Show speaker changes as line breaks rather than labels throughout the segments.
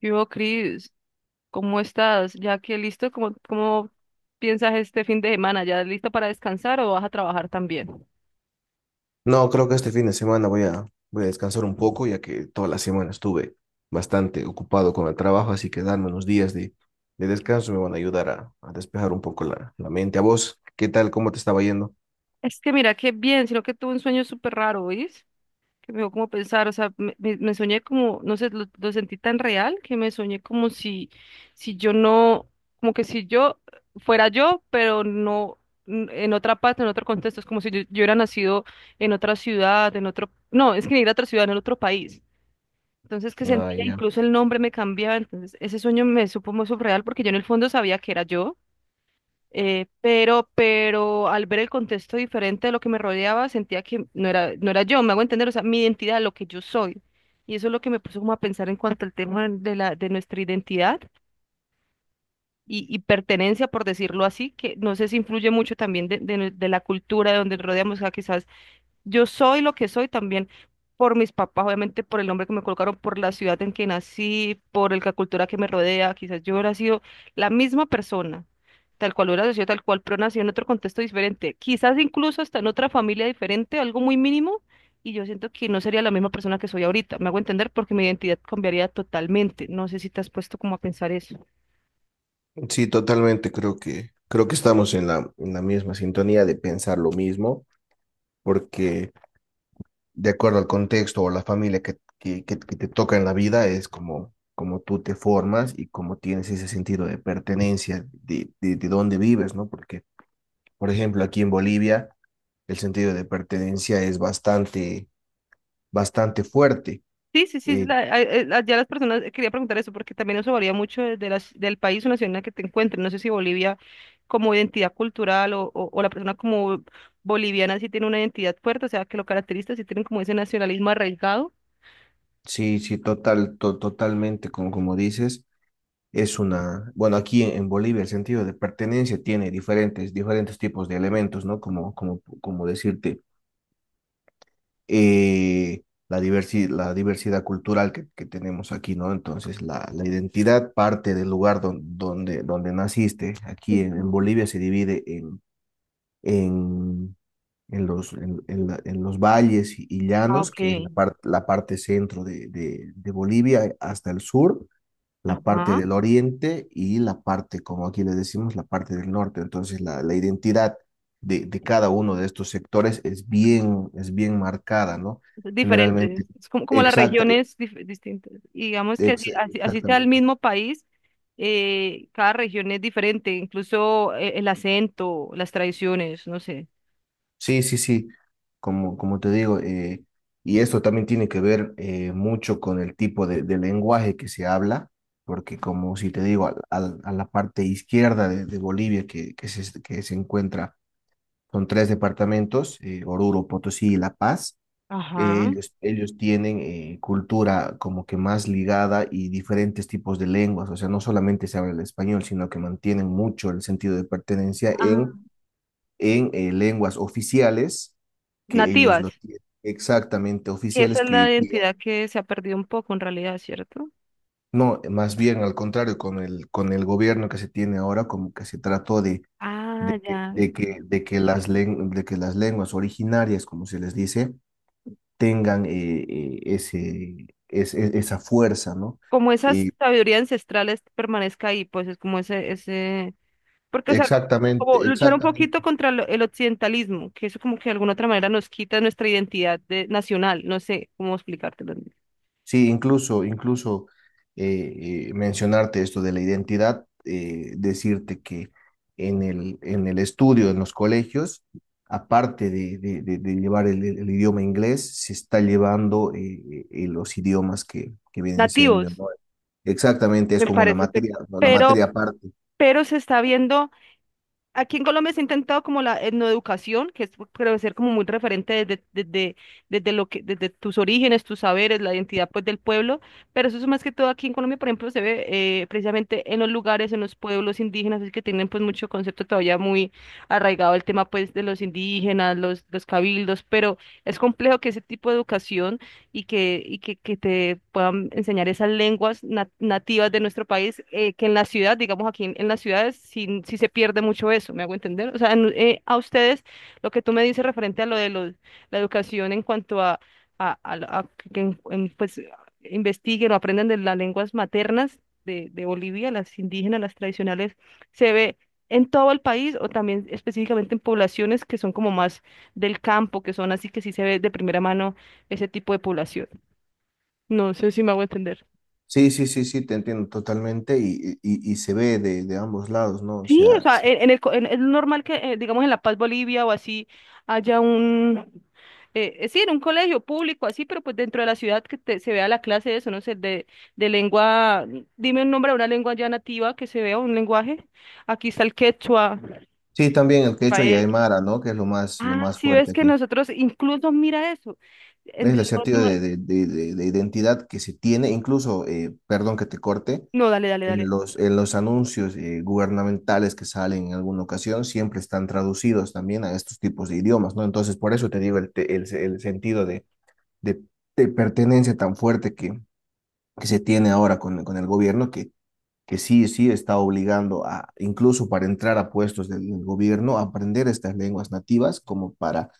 Yo, Cris, ¿cómo estás? Ya que listo, ¿cómo piensas este fin de semana? ¿Ya listo para descansar o vas a trabajar también?
No, creo que este fin de semana voy a descansar un poco, ya que toda la semana estuve bastante ocupado con el trabajo, así que darme unos días de descanso me van a ayudar a despejar un poco la mente. ¿A vos qué tal? ¿Cómo te estaba yendo?
Es que mira, qué bien, sino que tuve un sueño súper raro, ¿oís? Que me dio como pensar, o sea, me soñé como, no sé, lo sentí tan real que me soñé como si, si yo no, como que si yo fuera yo, pero no en otra parte, en otro contexto, es como si yo hubiera nacido en otra ciudad, en otro, no, es que ni era otra ciudad, en otro país. Entonces que
Ah,
sentía,
ya.
incluso el nombre me cambiaba, entonces ese sueño me supo muy surreal porque yo en el fondo sabía que era yo. Pero al ver el contexto diferente de lo que me rodeaba, sentía que no era yo, me hago entender, o sea, mi identidad, lo que yo soy. Y eso es lo que me puso como a pensar en cuanto al tema de la, de nuestra identidad y pertenencia, por decirlo así, que no sé si influye mucho también de la cultura de donde rodeamos, o sea, quizás yo soy lo que soy también por mis papás, obviamente por el nombre que me colocaron, por la ciudad en que nací, la cultura que me rodea. Quizás yo hubiera sido la misma persona, tal cual hubiera sido tal cual, pero nací en otro contexto diferente. Quizás incluso hasta en otra familia diferente, algo muy mínimo, y yo siento que no sería la misma persona que soy ahorita. Me hago entender porque mi identidad cambiaría totalmente. ¿No sé si te has puesto como a pensar eso?
Sí, totalmente, creo que estamos en en la misma sintonía de pensar lo mismo, porque de acuerdo al contexto o la familia que te toca en la vida, es como, como tú te formas y como tienes ese sentido de pertenencia, de dónde vives, ¿no? Por ejemplo, aquí en Bolivia, el sentido de pertenencia es bastante fuerte.
Sí, sí, sí,
Eh,
ya las personas, quería preguntar eso porque también eso varía mucho de del país o nación en la que te encuentres. No sé si Bolivia como identidad cultural o la persona como boliviana sí tiene una identidad fuerte, o sea, que lo caracteriza, sí tienen como ese nacionalismo arraigado.
sí, sí, total, totalmente, como, como dices, es una, bueno, aquí en Bolivia el sentido de pertenencia tiene diferentes tipos de elementos, ¿no? Como decirte, la diversidad cultural que tenemos aquí, ¿no? Entonces, la identidad parte del lugar donde naciste. Aquí
Ujú.
en Bolivia se divide en en en en los valles y
Ah,
llanos,
ok.
que es la parte centro de Bolivia hasta el sur, la parte
Ajá.
del oriente y la parte, como aquí le decimos, la parte del norte. Entonces, la identidad de cada uno de estos sectores es bien marcada, ¿no?
Diferentes,
Generalmente,
es como, como las
exacta,
regiones distintas. Y digamos que así sea el
exactamente.
mismo país, cada región es diferente, incluso el acento, las tradiciones, no sé.
Sí, sí, sí, como, como te digo, y esto también tiene que ver mucho con el tipo de lenguaje que se habla, porque como si te digo, a la parte izquierda de Bolivia que se encuentra, son tres departamentos, Oruro, Potosí y La Paz,
Ajá.
ellos tienen cultura como que más ligada y diferentes tipos de lenguas, o sea, no solamente se habla el español, sino que mantienen mucho el sentido de pertenencia
Ajá.
en lenguas oficiales, que ellos
Nativas,
lo tienen exactamente
que esa
oficiales,
es la identidad que se ha perdido un poco en realidad, ¿cierto?
no, más bien al contrario, con con el gobierno que se tiene ahora, como que se trató
Ah, ya.
de que de que las lenguas originarias, como se les dice, tengan ese, esa fuerza, ¿no?
Como esa
Y
sabiduría ancestral permanezca ahí, pues es como porque, o sea,
exactamente,
como luchar un poquito
exactamente.
contra el occidentalismo, que eso como que de alguna otra manera nos quita nuestra identidad de, nacional, no sé cómo explicártelo.
Sí, incluso, incluso mencionarte esto de la identidad, decirte que en en el estudio, en los colegios, aparte de llevar el idioma inglés, se está llevando los idiomas que vienen siendo,
Nativos,
¿no? Exactamente, es
me
como una
parece,
materia, ¿no? Una materia aparte.
pero se está viendo. Aquí en Colombia se ha intentado como la etnoeducación, que es, pues, creo ser como muy referente desde lo que, desde tus orígenes, tus saberes, la identidad pues del pueblo, pero eso es más que todo aquí en Colombia, por ejemplo, se ve precisamente en los lugares, en los pueblos indígenas, es que tienen pues mucho concepto todavía muy arraigado el tema pues de los indígenas, los cabildos, pero es complejo que ese tipo de educación que te puedan enseñar esas lenguas nativas de nuestro país, que en la ciudad, digamos en las ciudades, sí, sí se pierde mucho eso, ¿me hago entender? O sea, a ustedes, lo que tú me dices referente a lo de los, la educación en cuanto a, a que pues, investiguen o aprendan de las lenguas maternas de Bolivia, las indígenas, las tradicionales, se ve en todo el país o también específicamente en poblaciones que son como más del campo, que son así que sí se ve de primera mano ese tipo de población. No sé si me hago entender.
Sí, sí, sí, sí, te entiendo totalmente y se ve de ambos lados, ¿no? O
Sí, o
sea,
sea,
sí.
en el, co- en- es normal que, digamos, en La Paz, Bolivia o así, haya un, sí, en un colegio público, así, pero pues dentro de la ciudad que se vea la clase de eso, no sé, de lengua, dime un nombre de una lengua ya nativa que se vea, un lenguaje. Aquí está el quechua,
Sí, también el quechua y
paez.
aymara, ¿no? Que es lo
Ah,
más
sí,
fuerte
ves que
aquí.
nosotros, incluso mira eso. En- de
Es el sentido de identidad que se tiene, incluso, perdón que te corte,
No, dale, dale,
en
dale.
en los anuncios gubernamentales que salen en alguna ocasión, siempre están traducidos también a estos tipos de idiomas, ¿no? Entonces, por eso te digo el sentido de, de pertenencia tan fuerte que se tiene ahora con el gobierno, que sí, sí está obligando a, incluso para entrar a puestos del gobierno, a aprender estas lenguas nativas como para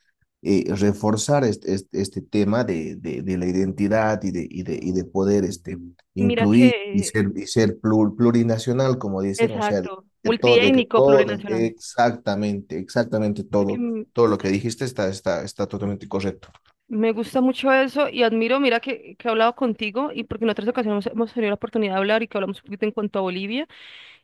reforzar este tema de la identidad y de, y de, y de poder este,
Mira
incluir
que,
y ser plurinacional, como dicen, o sea,
exacto,
de que
multiétnico,
todo,
plurinacional.
exactamente, exactamente
Ya que,
todo. Todo lo que dijiste está, está, está totalmente correcto.
me gusta mucho eso y admiro, mira que he hablado contigo y porque en otras ocasiones hemos, tenido la oportunidad de hablar y que hablamos un poquito en cuanto a Bolivia.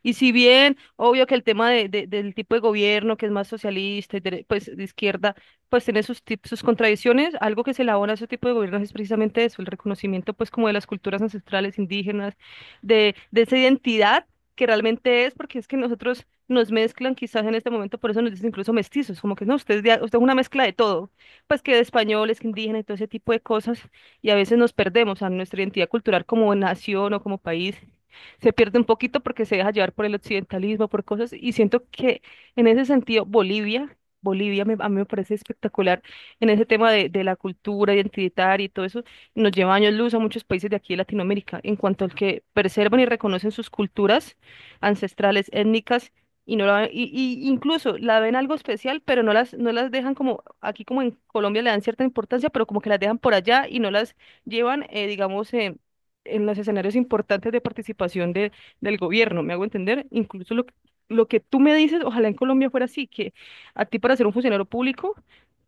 Y si bien, obvio que el tema del tipo de gobierno que es más socialista y pues de izquierda, pues tiene sus, sus contradicciones, algo que se elabora a ese tipo de gobiernos es precisamente eso, el reconocimiento pues como de las culturas ancestrales indígenas, de esa identidad que realmente es, porque es que nosotros nos mezclan quizás en este momento, por eso nos dicen incluso mestizos, como que no, usted es, usted es una mezcla de todo, pues que de españoles, que indígenas y todo ese tipo de cosas, y a veces nos perdemos a nuestra identidad cultural como nación o como país se pierde un poquito porque se deja llevar por el occidentalismo, por cosas, y siento que en ese sentido Bolivia, Bolivia a mí me parece espectacular en ese tema de la cultura identitaria y todo eso, nos lleva años luz a muchos países de aquí de Latinoamérica en cuanto al que preservan y reconocen sus culturas ancestrales, étnicas. Y no la, y incluso la ven algo especial, pero no las, no las dejan como, aquí como en Colombia le dan cierta importancia, pero como que las dejan por allá y no las llevan, en los escenarios importantes de participación de, del gobierno, ¿me hago entender? Incluso lo que tú me dices, ojalá en Colombia fuera así, que a ti para ser un funcionario público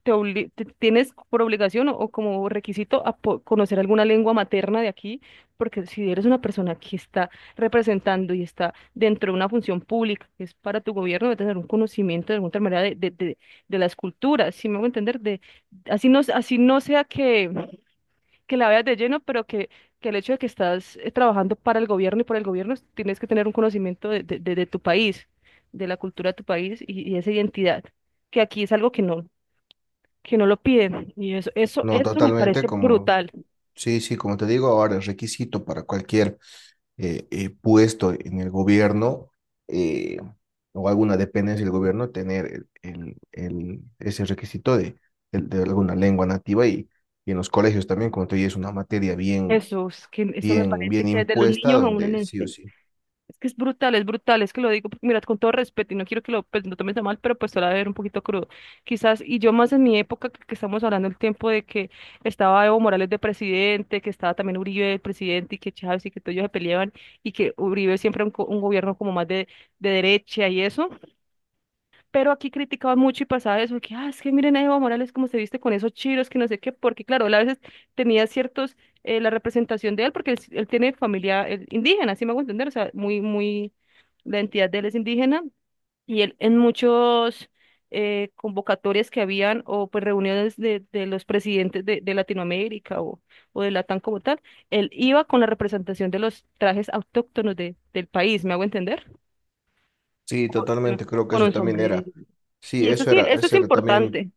tienes por obligación o como requisito a conocer alguna lengua materna de aquí, porque si eres una persona que está representando y está dentro de una función pública que es para tu gobierno, debe tener un conocimiento de alguna otra manera de las culturas, ¿si me hago entender? De, así no sea que la veas de lleno, pero que el hecho de que estás trabajando para el gobierno y por el gobierno, tienes que tener un conocimiento de tu país, de la cultura de tu país y esa identidad, que aquí es algo que no lo piden. Y
No,
eso me
totalmente,
parece
como,
brutal.
sí, sí, como te digo, ahora es requisito para cualquier puesto en el gobierno eh, o alguna dependencia del gobierno tener ese requisito de alguna lengua nativa y en los colegios también, como te digo, es una materia bien,
Eso, es que, eso me
bien,
parece
bien
que desde los
impuesta
niños aún en
donde sí o
enseñan.
sí.
Es que es brutal, es que lo digo, porque, mira, con todo respeto, y no quiero que lo, pues, no tomes a mal, pero pues te lo voy a ver un poquito crudo. Quizás, y yo más en mi época, que estamos hablando el tiempo de que estaba Evo Morales de presidente, que estaba también Uribe de presidente, y que Chávez y que todos ellos se peleaban, y que Uribe siempre un, un gobierno como más de derecha y eso. Pero aquí criticaban mucho y pasaba eso, que, ah, es que miren a Evo Morales cómo se viste con esos chiros, que no sé qué, porque claro, él a veces tenía ciertos, la representación de él, porque él tiene familia él indígena, así me hago entender, o sea, muy, muy, la entidad de él es indígena, y él en muchos convocatorias que habían, o pues reuniones de los presidentes de Latinoamérica o de Latam como tal, él iba con la representación de los trajes autóctonos de, del país, ¿me hago entender?
Sí,
Con
totalmente, creo que
con
eso
un
también era,
sombrero.
sí,
Y eso sí, eso es
eso era también,
importante.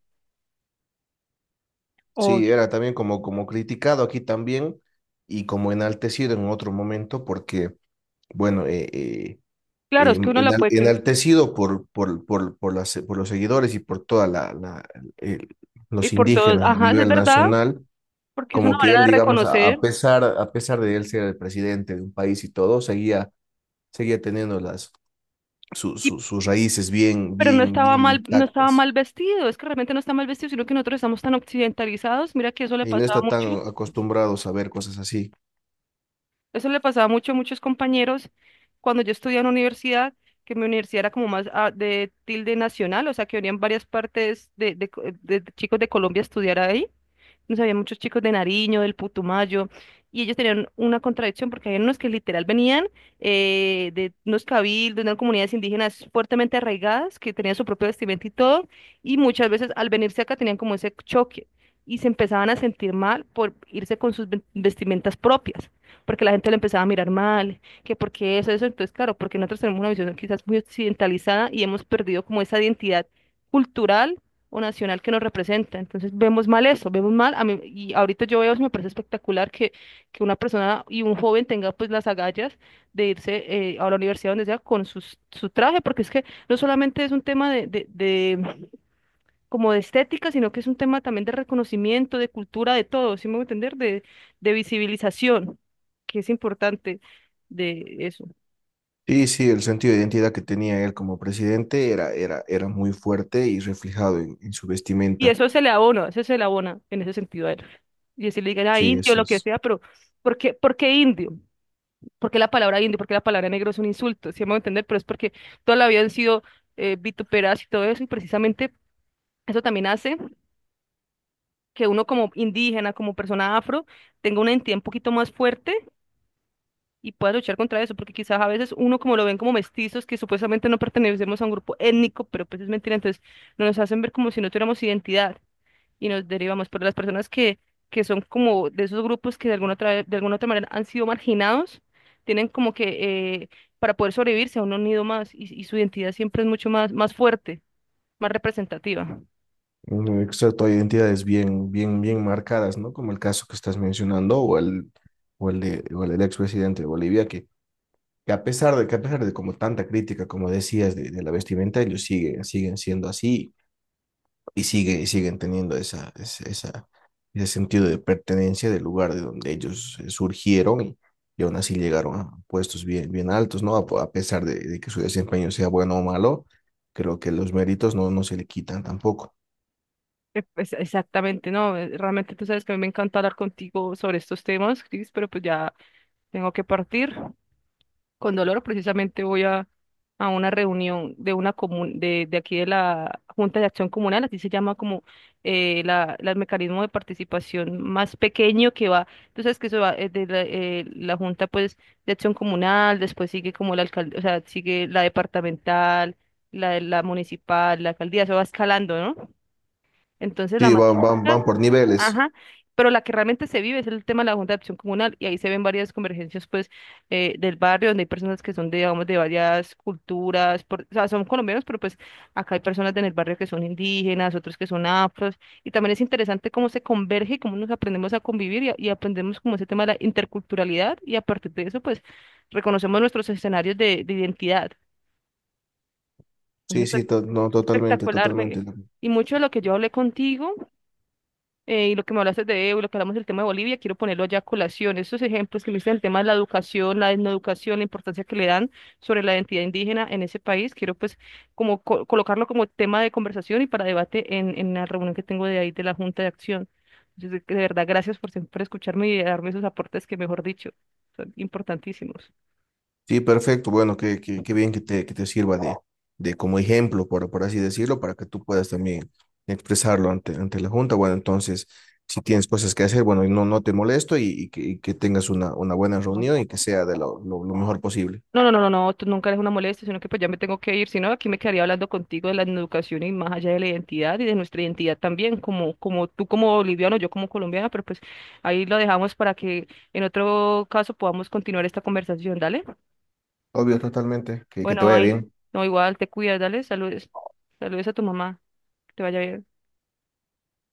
O,
sí, era también como, como criticado aquí también y como enaltecido en otro momento porque, bueno,
claro, es que uno la puede creer.
enaltecido por los seguidores y por toda el-
Y
los
por todos,
indígenas a
ajá, es
nivel
verdad,
nacional,
porque es una
como que
manera
él,
de
digamos,
reconocer.
a pesar de él ser el presidente de un país y todo, seguía, seguía teniendo
Y,
sus raíces bien,
pero no
bien,
estaba
bien
mal, no estaba
intactas
mal vestido. Es que realmente no está mal vestido, sino que nosotros estamos tan occidentalizados. Mira que eso le
y no
pasaba
está
mucho.
tan acostumbrados a ver cosas así.
Eso le pasaba mucho a muchos compañeros cuando yo estudiaba en universidad, que mi universidad era como más ah, de tilde nacional, o sea, que venían varias partes de chicos de Colombia a estudiar ahí. Nos había muchos chicos de Nariño, del Putumayo, y ellos tenían una contradicción porque había unos que literal venían de unos cabildos, de unas comunidades indígenas fuertemente arraigadas, que tenían su propio vestimenta y todo, y muchas veces al venirse acá tenían como ese choque y se empezaban a sentir mal por irse con sus vestimentas propias porque la gente lo empezaba a mirar mal, que porque eso, entonces claro, porque nosotros tenemos una visión quizás muy occidentalizada y hemos perdido como esa identidad cultural o nacional que nos representa. Entonces vemos mal eso, vemos mal, a mí, y ahorita yo veo, eso me parece espectacular que una persona y un joven tenga pues las agallas de irse a la universidad donde sea con sus, su traje, porque es que no solamente es un tema de como de estética, sino que es un tema también de reconocimiento, de cultura, de todo. ¿Sí me voy a entender? De visibilización, que es importante de eso.
Sí, sí, el sentido de identidad que tenía él como presidente era, era, era muy fuerte y reflejado en su
Y
vestimenta.
eso se le abona, eso se le abona en ese sentido a él. Y si le digan a
Sí,
indio,
así
lo que
es.
sea, pero por qué indio? ¿Por qué la palabra indio? ¿Por qué la palabra negro es un insulto? ¿Sí me voy a entender? Pero es porque toda la vida han sido vituperadas y todo eso, y precisamente eso también hace que uno como indígena, como persona afro, tenga una identidad un poquito más fuerte y pueda luchar contra eso, porque quizás a veces uno como lo ven como mestizos, que supuestamente no pertenecemos a un grupo étnico, pero pues es mentira. Entonces no nos hacen ver como si no tuviéramos identidad y nos derivamos, pero las personas que son como de esos grupos que de alguna otra manera han sido marginados, tienen como que para poder sobrevivir se han unido más y su identidad siempre es mucho más, más fuerte, más representativa.
Mm, exacto, hay identidades bien, bien, bien marcadas, ¿no? Como el caso que estás mencionando, o el de, o el del expresidente de Bolivia, que a pesar de que a pesar de como tanta crítica, como decías, de la vestimenta, ellos siguen, siguen siendo así y sigue, y siguen teniendo esa, esa, ese sentido de pertenencia del lugar de donde ellos surgieron y aún así llegaron a puestos bien, bien altos, ¿no? A pesar de que su desempeño sea bueno o malo, creo que los méritos no, no se le quitan tampoco.
Pues exactamente, no, realmente tú sabes que a mí me encanta hablar contigo sobre estos temas, Cris, pero pues ya tengo que partir. Con dolor, precisamente voy a una reunión de una de aquí de la Junta de Acción Comunal, así se llama como el mecanismo de participación más pequeño que va, tú sabes que eso va de la, la Junta pues de Acción Comunal, después sigue como la alcaldía, o sea, sigue la departamental, la municipal, la alcaldía, eso va escalando, ¿no? Entonces la
Sí,
más
van, van, van
chiquita,
por niveles.
ajá, pero la que realmente se vive es el tema de la Junta de Acción Comunal y ahí se ven varias convergencias pues del barrio donde hay personas que son de, digamos, de varias culturas, o sea, son colombianos, pero pues acá hay personas en el barrio que son indígenas, otros que son afros, y también es interesante cómo se converge y cómo nos aprendemos a convivir y, y aprendemos como ese tema de la interculturalidad, y a partir de eso pues reconocemos nuestros escenarios de identidad.
Sí,
Entonces, pues,
sí, no, totalmente,
espectacular,
totalmente.
me- Y mucho de lo que yo hablé contigo y lo que me hablaste de Evo y lo que hablamos del tema de Bolivia, quiero ponerlo allá a colación. Estos ejemplos que me diste del tema de la educación, la educación, la importancia que le dan sobre la identidad indígena en ese país, quiero pues como colocarlo como tema de conversación y para debate en la reunión que tengo de ahí de la Junta de Acción. Entonces, de verdad, gracias por siempre escucharme y darme esos aportes que, mejor dicho, son importantísimos.
Sí, perfecto. Bueno, qué, qué, qué bien que te sirva de como ejemplo, por así decirlo, para que tú puedas también expresarlo ante, ante la Junta. Bueno, entonces, si tienes cosas que hacer, bueno, y no, no te molesto y que tengas una buena reunión y que sea de lo mejor posible.
No, no, no, no, no, tú nunca eres una molestia, sino que pues ya me tengo que ir, si no, aquí me quedaría hablando contigo de la educación y más allá de la identidad y de nuestra identidad también, como, como tú como boliviano, yo como colombiana, pero pues ahí lo dejamos para que en otro caso podamos continuar esta conversación, dale.
Obvio, totalmente. Que te
Bueno,
vaya
ahí,
bien.
no, igual, te cuidas, dale, saludes, saludes a tu mamá, que te vaya bien.